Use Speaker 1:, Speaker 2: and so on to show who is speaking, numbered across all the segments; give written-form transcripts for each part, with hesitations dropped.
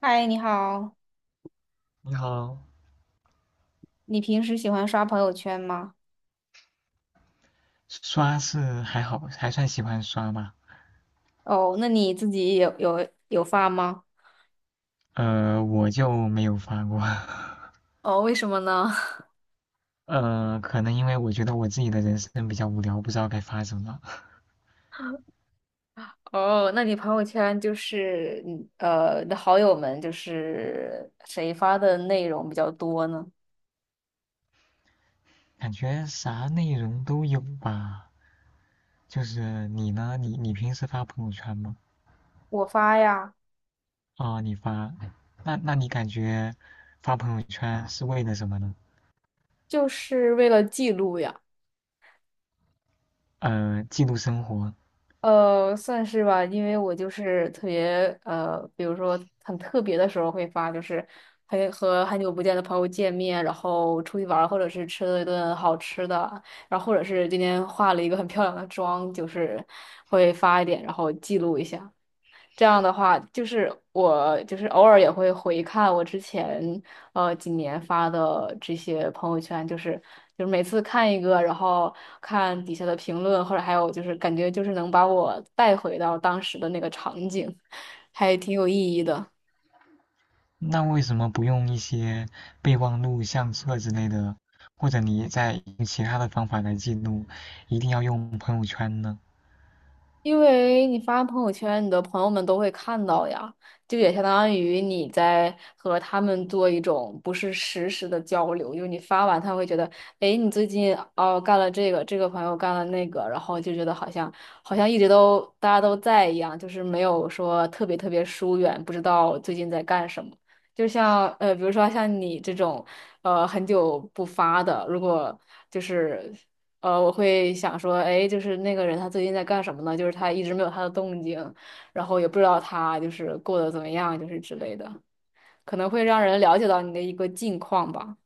Speaker 1: 嗨，你好，
Speaker 2: 你好，
Speaker 1: 你平时喜欢刷朋友圈吗？
Speaker 2: 刷是还好，还算喜欢刷吧。
Speaker 1: 哦，那你自己有发吗？
Speaker 2: 我就没有发过。
Speaker 1: 哦，为什么呢？
Speaker 2: 可能因为我觉得我自己的人生比较无聊，不知道该发什么。
Speaker 1: 哦，那你朋友圈就是你的好友们就是谁发的内容比较多呢？
Speaker 2: 感觉啥内容都有吧。就是你呢，你平时发朋友圈吗？
Speaker 1: 我发呀，
Speaker 2: 哦，你发。那你感觉发朋友圈是为了什么呢？
Speaker 1: 就是为了记录呀。
Speaker 2: 记录生活。
Speaker 1: 算是吧，因为我就是特别比如说很特别的时候会发，就是和很久不见的朋友见面，然后出去玩儿或者是吃了一顿好吃的，然后或者是今天化了一个很漂亮的妆，就是会发一点，然后记录一下。这样的话，就是我就是偶尔也会回看我之前几年发的这些朋友圈，就是每次看一个，然后看底下的评论，或者还有就是感觉就是能把我带回到当时的那个场景，还挺有意义的。
Speaker 2: 那为什么不用一些备忘录、相册之类的，或者你在其他的方法来记录，一定要用朋友圈呢？
Speaker 1: 因为你发朋友圈，你的朋友们都会看到呀，就也相当于你在和他们做一种不是实时的交流，就是你发完他会觉得，诶，你最近哦干了这个，这个朋友干了那个，然后就觉得好像一直都大家都在一样，就是没有说特别特别疏远，不知道最近在干什么。就像比如说像你这种，很久不发的，如果就是。我会想说，哎，就是那个人他最近在干什么呢？就是他一直没有他的动静，然后也不知道他就是过得怎么样，就是之类的，可能会让人了解到你的一个近况吧。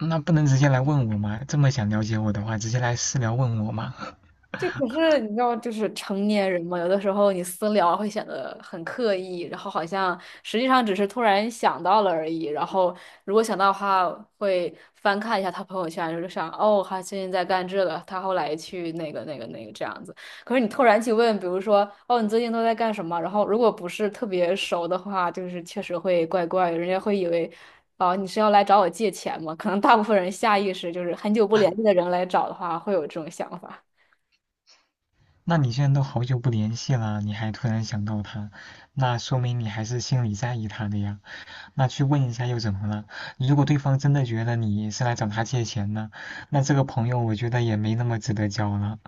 Speaker 2: 那不能直接来问我吗？这么想了解我的话，直接来私聊问我吗？
Speaker 1: 这可是你知道，就是成年人嘛，有的时候你私聊会显得很刻意，然后好像实际上只是突然想到了而已。然后如果想到的话，会翻看一下他朋友圈，就是想哦，他最近在干这个，他后来去那个这样子。可是你突然去问，比如说哦，你最近都在干什么？然后如果不是特别熟的话，就是确实会怪怪的，人家会以为哦，你是要来找我借钱吗？可能大部分人下意识就是很久不联系的人来找的话，会有这种想法。
Speaker 2: 那你现在都好久不联系了，你还突然想到他，那说明你还是心里在意他的呀。那去问一下又怎么了？如果对方真的觉得你是来找他借钱的，那这个朋友我觉得也没那么值得交了，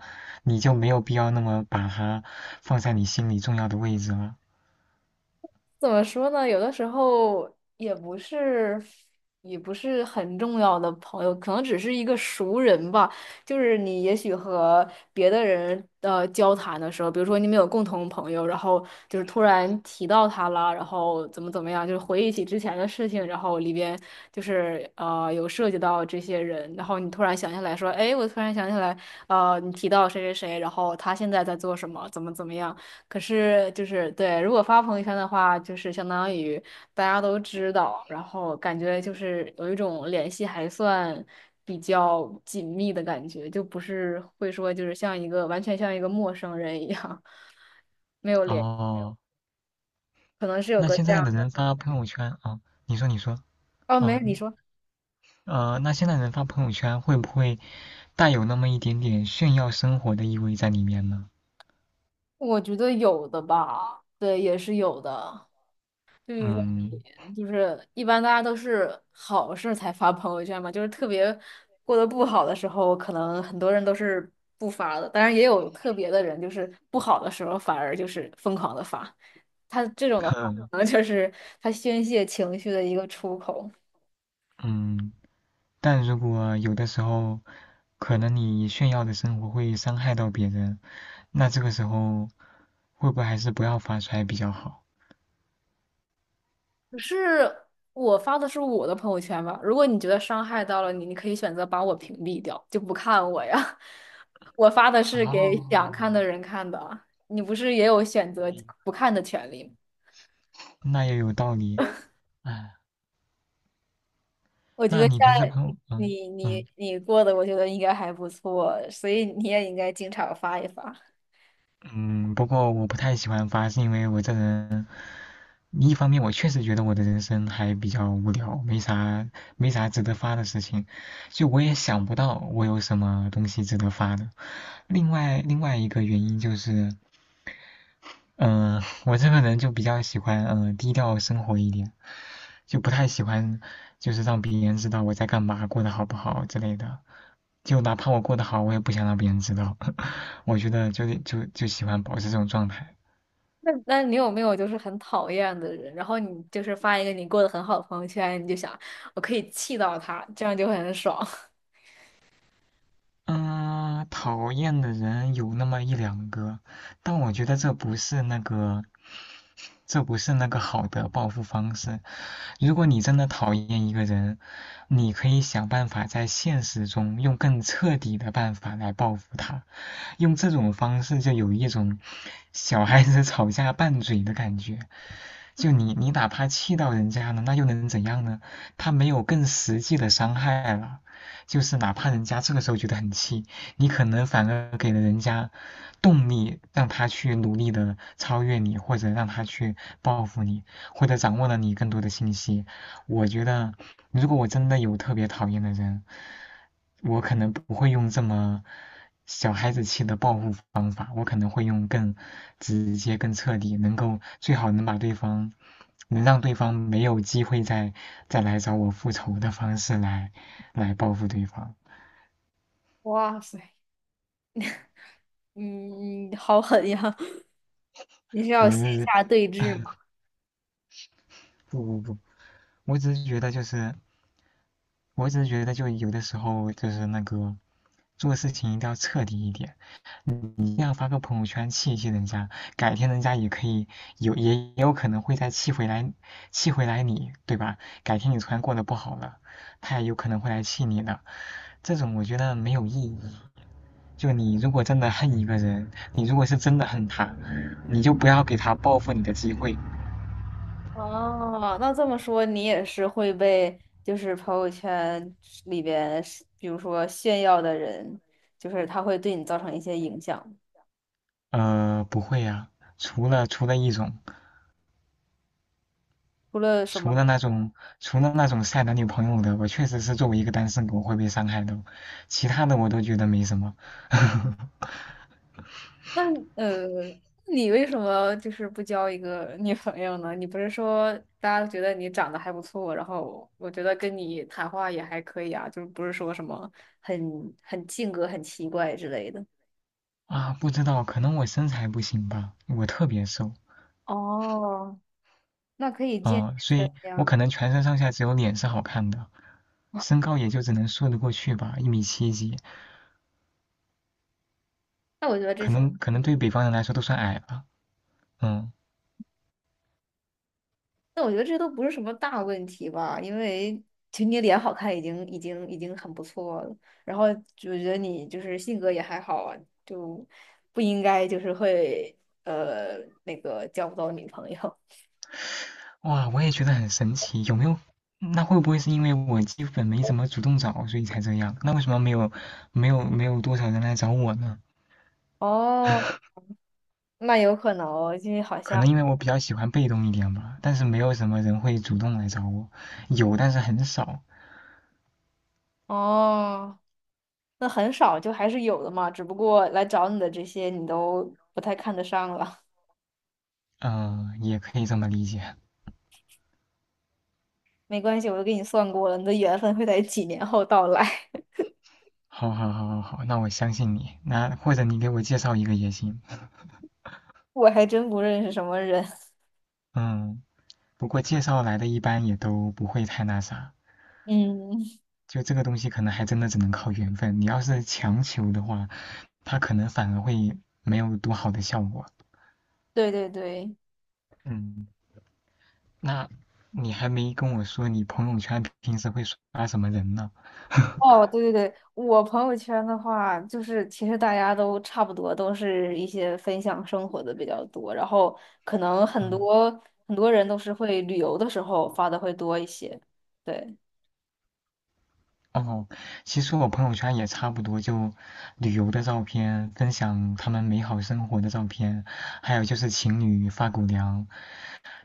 Speaker 2: 你就没有必要那么把他放在你心里重要的位置了。
Speaker 1: 怎么说呢？有的时候也不是，也不是很重要的朋友，可能只是一个熟人吧。就是你也许和别的人交谈的时候，比如说你们有共同朋友，然后就是突然提到他了，然后怎么怎么样，就是回忆起之前的事情，然后里边就是有涉及到这些人，然后你突然想起来说，哎，我突然想起来，你提到谁谁谁，然后他现在在做什么，怎么怎么样。可是就是对，如果发朋友圈的话，就是相当于大家都知道，然后感觉就是有一种联系还算比较紧密的感觉，就不是会说就是像一个完全像一个陌生人一样 没有联，
Speaker 2: 哦，
Speaker 1: 可能是有
Speaker 2: 那
Speaker 1: 个
Speaker 2: 现
Speaker 1: 这
Speaker 2: 在
Speaker 1: 样
Speaker 2: 的人
Speaker 1: 的。
Speaker 2: 发朋友圈啊。哦，你说你说。
Speaker 1: 哦，没，
Speaker 2: 啊，
Speaker 1: 你说，
Speaker 2: 那现在人发朋友圈会不会带有那么一点点炫耀生活的意味在里面呢？
Speaker 1: 我觉得有的吧，对，也是有的。就是说
Speaker 2: 嗯。
Speaker 1: 就是一般大家都是好事儿才发朋友圈嘛，就是特别过得不好的时候，可能很多人都是不发的，当然也有特别的人，就是不好的时候反而就是疯狂的发，他这种的 话，
Speaker 2: 嗯
Speaker 1: 可能就是他宣泄情绪的一个出口。
Speaker 2: 嗯，但如果有的时候，可能你炫耀的生活会伤害到别人，那这个时候会不会还是不要发出来比较好？
Speaker 1: 可是我发的是我的朋友圈吧？如果你觉得伤害到了你，你可以选择把我屏蔽掉，就不看我呀。我发的是给想
Speaker 2: 哦，
Speaker 1: 看的人看的啊，你不是也有选择不看的权利吗？
Speaker 2: 那也有道理。哎，
Speaker 1: 我觉得
Speaker 2: 那你
Speaker 1: 像
Speaker 2: 平时朋友，嗯
Speaker 1: 你你
Speaker 2: 嗯。
Speaker 1: 你过的，我觉得应该还不错，所以你也应该经常发一发。
Speaker 2: 嗯，不过我不太喜欢发，是因为我这人，一方面我确实觉得我的人生还比较无聊，没啥值得发的事情，就我也想不到我有什么东西值得发的。另外一个原因就是，我这个人就比较喜欢低调生活一点，就不太喜欢就是让别人知道我在干嘛，过得好不好之类的。就哪怕我过得好，我也不想让别人知道。我觉得就喜欢保持这种状态。
Speaker 1: 那你有没有就是很讨厌的人，然后你就是发一个你过得很好的朋友圈，你就想我可以气到他，这样就很爽。
Speaker 2: 嗯，讨厌的人有那么一两个，但我觉得这不是那个好的报复方式。如果你真的讨厌一个人，你可以想办法在现实中用更彻底的办法来报复他，用这种方式就有一种小孩子吵架拌嘴的感觉。就你哪怕气到人家了，那又能怎样呢？他没有更实际的伤害了，就是哪怕人家这个时候觉得很气，你可能反而给了人家动力，让他去努力的超越你，或者让他去报复你，或者掌握了你更多的信息。我觉得，如果我真的有特别讨厌的人，我可能不会用这么小孩子气的报复方法，我可能会用更直接、更彻底，能够最好能把对方，能让对方没有机会再来找我复仇的方式来报复对方。
Speaker 1: 哇塞！嗯，好狠呀！你是
Speaker 2: 不
Speaker 1: 要线
Speaker 2: 是，
Speaker 1: 下对峙吗？
Speaker 2: 不不不，我只是觉得就是，我只是觉得就有的时候就是那个做事情一定要彻底一点。嗯，你一定要发个朋友圈气一气人家，改天人家也可以有，也有可能会再气回来，气回来你，对吧？改天你突然过得不好了，他也有可能会来气你的，这种我觉得没有意义。就你如果真的恨一个人，你如果是真的恨他，你就不要给他报复你的机会。
Speaker 1: 哦，那这么说，你也是会被就是朋友圈里边是比如说炫耀的人，就是他会对你造成一些影响。
Speaker 2: 不会啊，除了一种。
Speaker 1: 除了什么？
Speaker 2: 除了那种除了那种晒男女朋友的，我确实是作为一个单身狗会被伤害的，其他的我都觉得没什么。
Speaker 1: 那呃，你为什么就是不交一个女朋友呢？你不是说大家觉得你长得还不错，然后我觉得跟你谈话也还可以啊，就是不是说什么很很性格很奇怪之类的。
Speaker 2: 啊，不知道，可能我身材不行吧，我特别瘦。
Speaker 1: 哦，那可以健
Speaker 2: 啊、
Speaker 1: 健
Speaker 2: 所
Speaker 1: 身
Speaker 2: 以我
Speaker 1: 呀。
Speaker 2: 可能全身上下只有脸是好看的，身高也就只能说得过去吧，一米七几，
Speaker 1: 那我觉得这
Speaker 2: 可
Speaker 1: 些，
Speaker 2: 能可能对北方人来说都算矮了。嗯，
Speaker 1: 那我觉得这都不是什么大问题吧，因为其实你脸好看已经很不错了，然后就觉得你就是性格也还好啊，就不应该就是会呃那个交不到女朋友。
Speaker 2: 哇，我也觉得很神奇，有没有？那会不会是因为我基本没怎么主动找，所以才这样？那为什么没有多少人来找我呢？
Speaker 1: 哦，那有可能哦，因为好
Speaker 2: 可
Speaker 1: 像
Speaker 2: 能因为我比较喜欢被动一点吧，但是没有什么人会主动来找我，有但是很少。
Speaker 1: 哦，那很少就还是有的嘛，只不过来找你的这些你都不太看得上了。
Speaker 2: 也可以这么理解。
Speaker 1: 没关系，我都给你算过了，你的缘分会在几年后到来。
Speaker 2: 好好好好好，那我相信你，那或者你给我介绍一个也行。
Speaker 1: 我还真不认识什么人。
Speaker 2: 嗯，不过介绍来的一般也都不会太那啥，
Speaker 1: 嗯，
Speaker 2: 就这个东西可能还真的只能靠缘分，你要是强求的话，它可能反而会没有多好的效果。
Speaker 1: 对对对，
Speaker 2: 嗯，那你还没跟我说你朋友圈平时会刷什么人呢？
Speaker 1: 哦，对对对，我朋友圈的话，就是其实大家都差不多，都是一些分享生活的比较多，然后可能
Speaker 2: 嗯。
Speaker 1: 很多人都是会旅游的时候发的会多一些。对，
Speaker 2: 哦，其实我朋友圈也差不多，就旅游的照片，分享他们美好生活的照片，还有就是情侣发狗粮，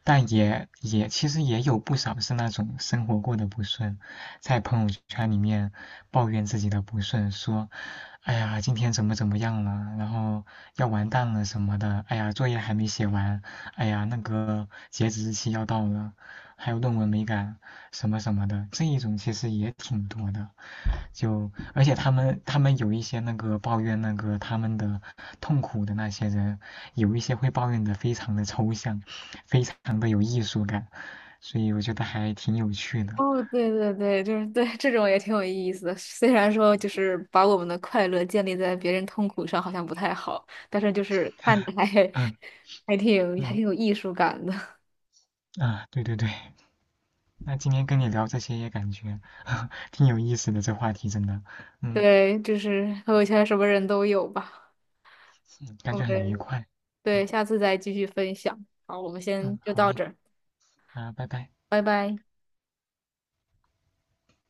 Speaker 2: 但也其实也有不少是那种生活过得不顺，在朋友圈里面抱怨自己的不顺，说，哎呀，今天怎么怎么样了，然后要完蛋了什么的，哎呀，作业还没写完，哎呀，那个截止日期要到了，还有论文没赶，什么什么的，这一种其实也挺多的，就而且他们有一些那个抱怨那个他们的痛苦的那些人，有一些会抱怨的非常的抽象。很的有艺术感，所以我觉得还挺有趣的。
Speaker 1: 哦，对对对，就是对这种也挺有意思的。虽然说就是把我们的快乐建立在别人痛苦上，好像不太好，但是就是看着还
Speaker 2: 嗯
Speaker 1: 还
Speaker 2: 嗯，
Speaker 1: 挺有艺术感的。
Speaker 2: 啊，对对对，那今天跟你聊这些也感觉 挺有意思的，这话题真的，嗯，
Speaker 1: 对，就是朋友圈什么人都有吧。
Speaker 2: 嗯感
Speaker 1: 我
Speaker 2: 觉很愉
Speaker 1: 们
Speaker 2: 快。
Speaker 1: 对，
Speaker 2: 好，
Speaker 1: 下次再继续分享。好，我们先
Speaker 2: 嗯，
Speaker 1: 就
Speaker 2: 好
Speaker 1: 到
Speaker 2: 嘞，
Speaker 1: 这儿，
Speaker 2: 啊，拜拜。
Speaker 1: 拜拜。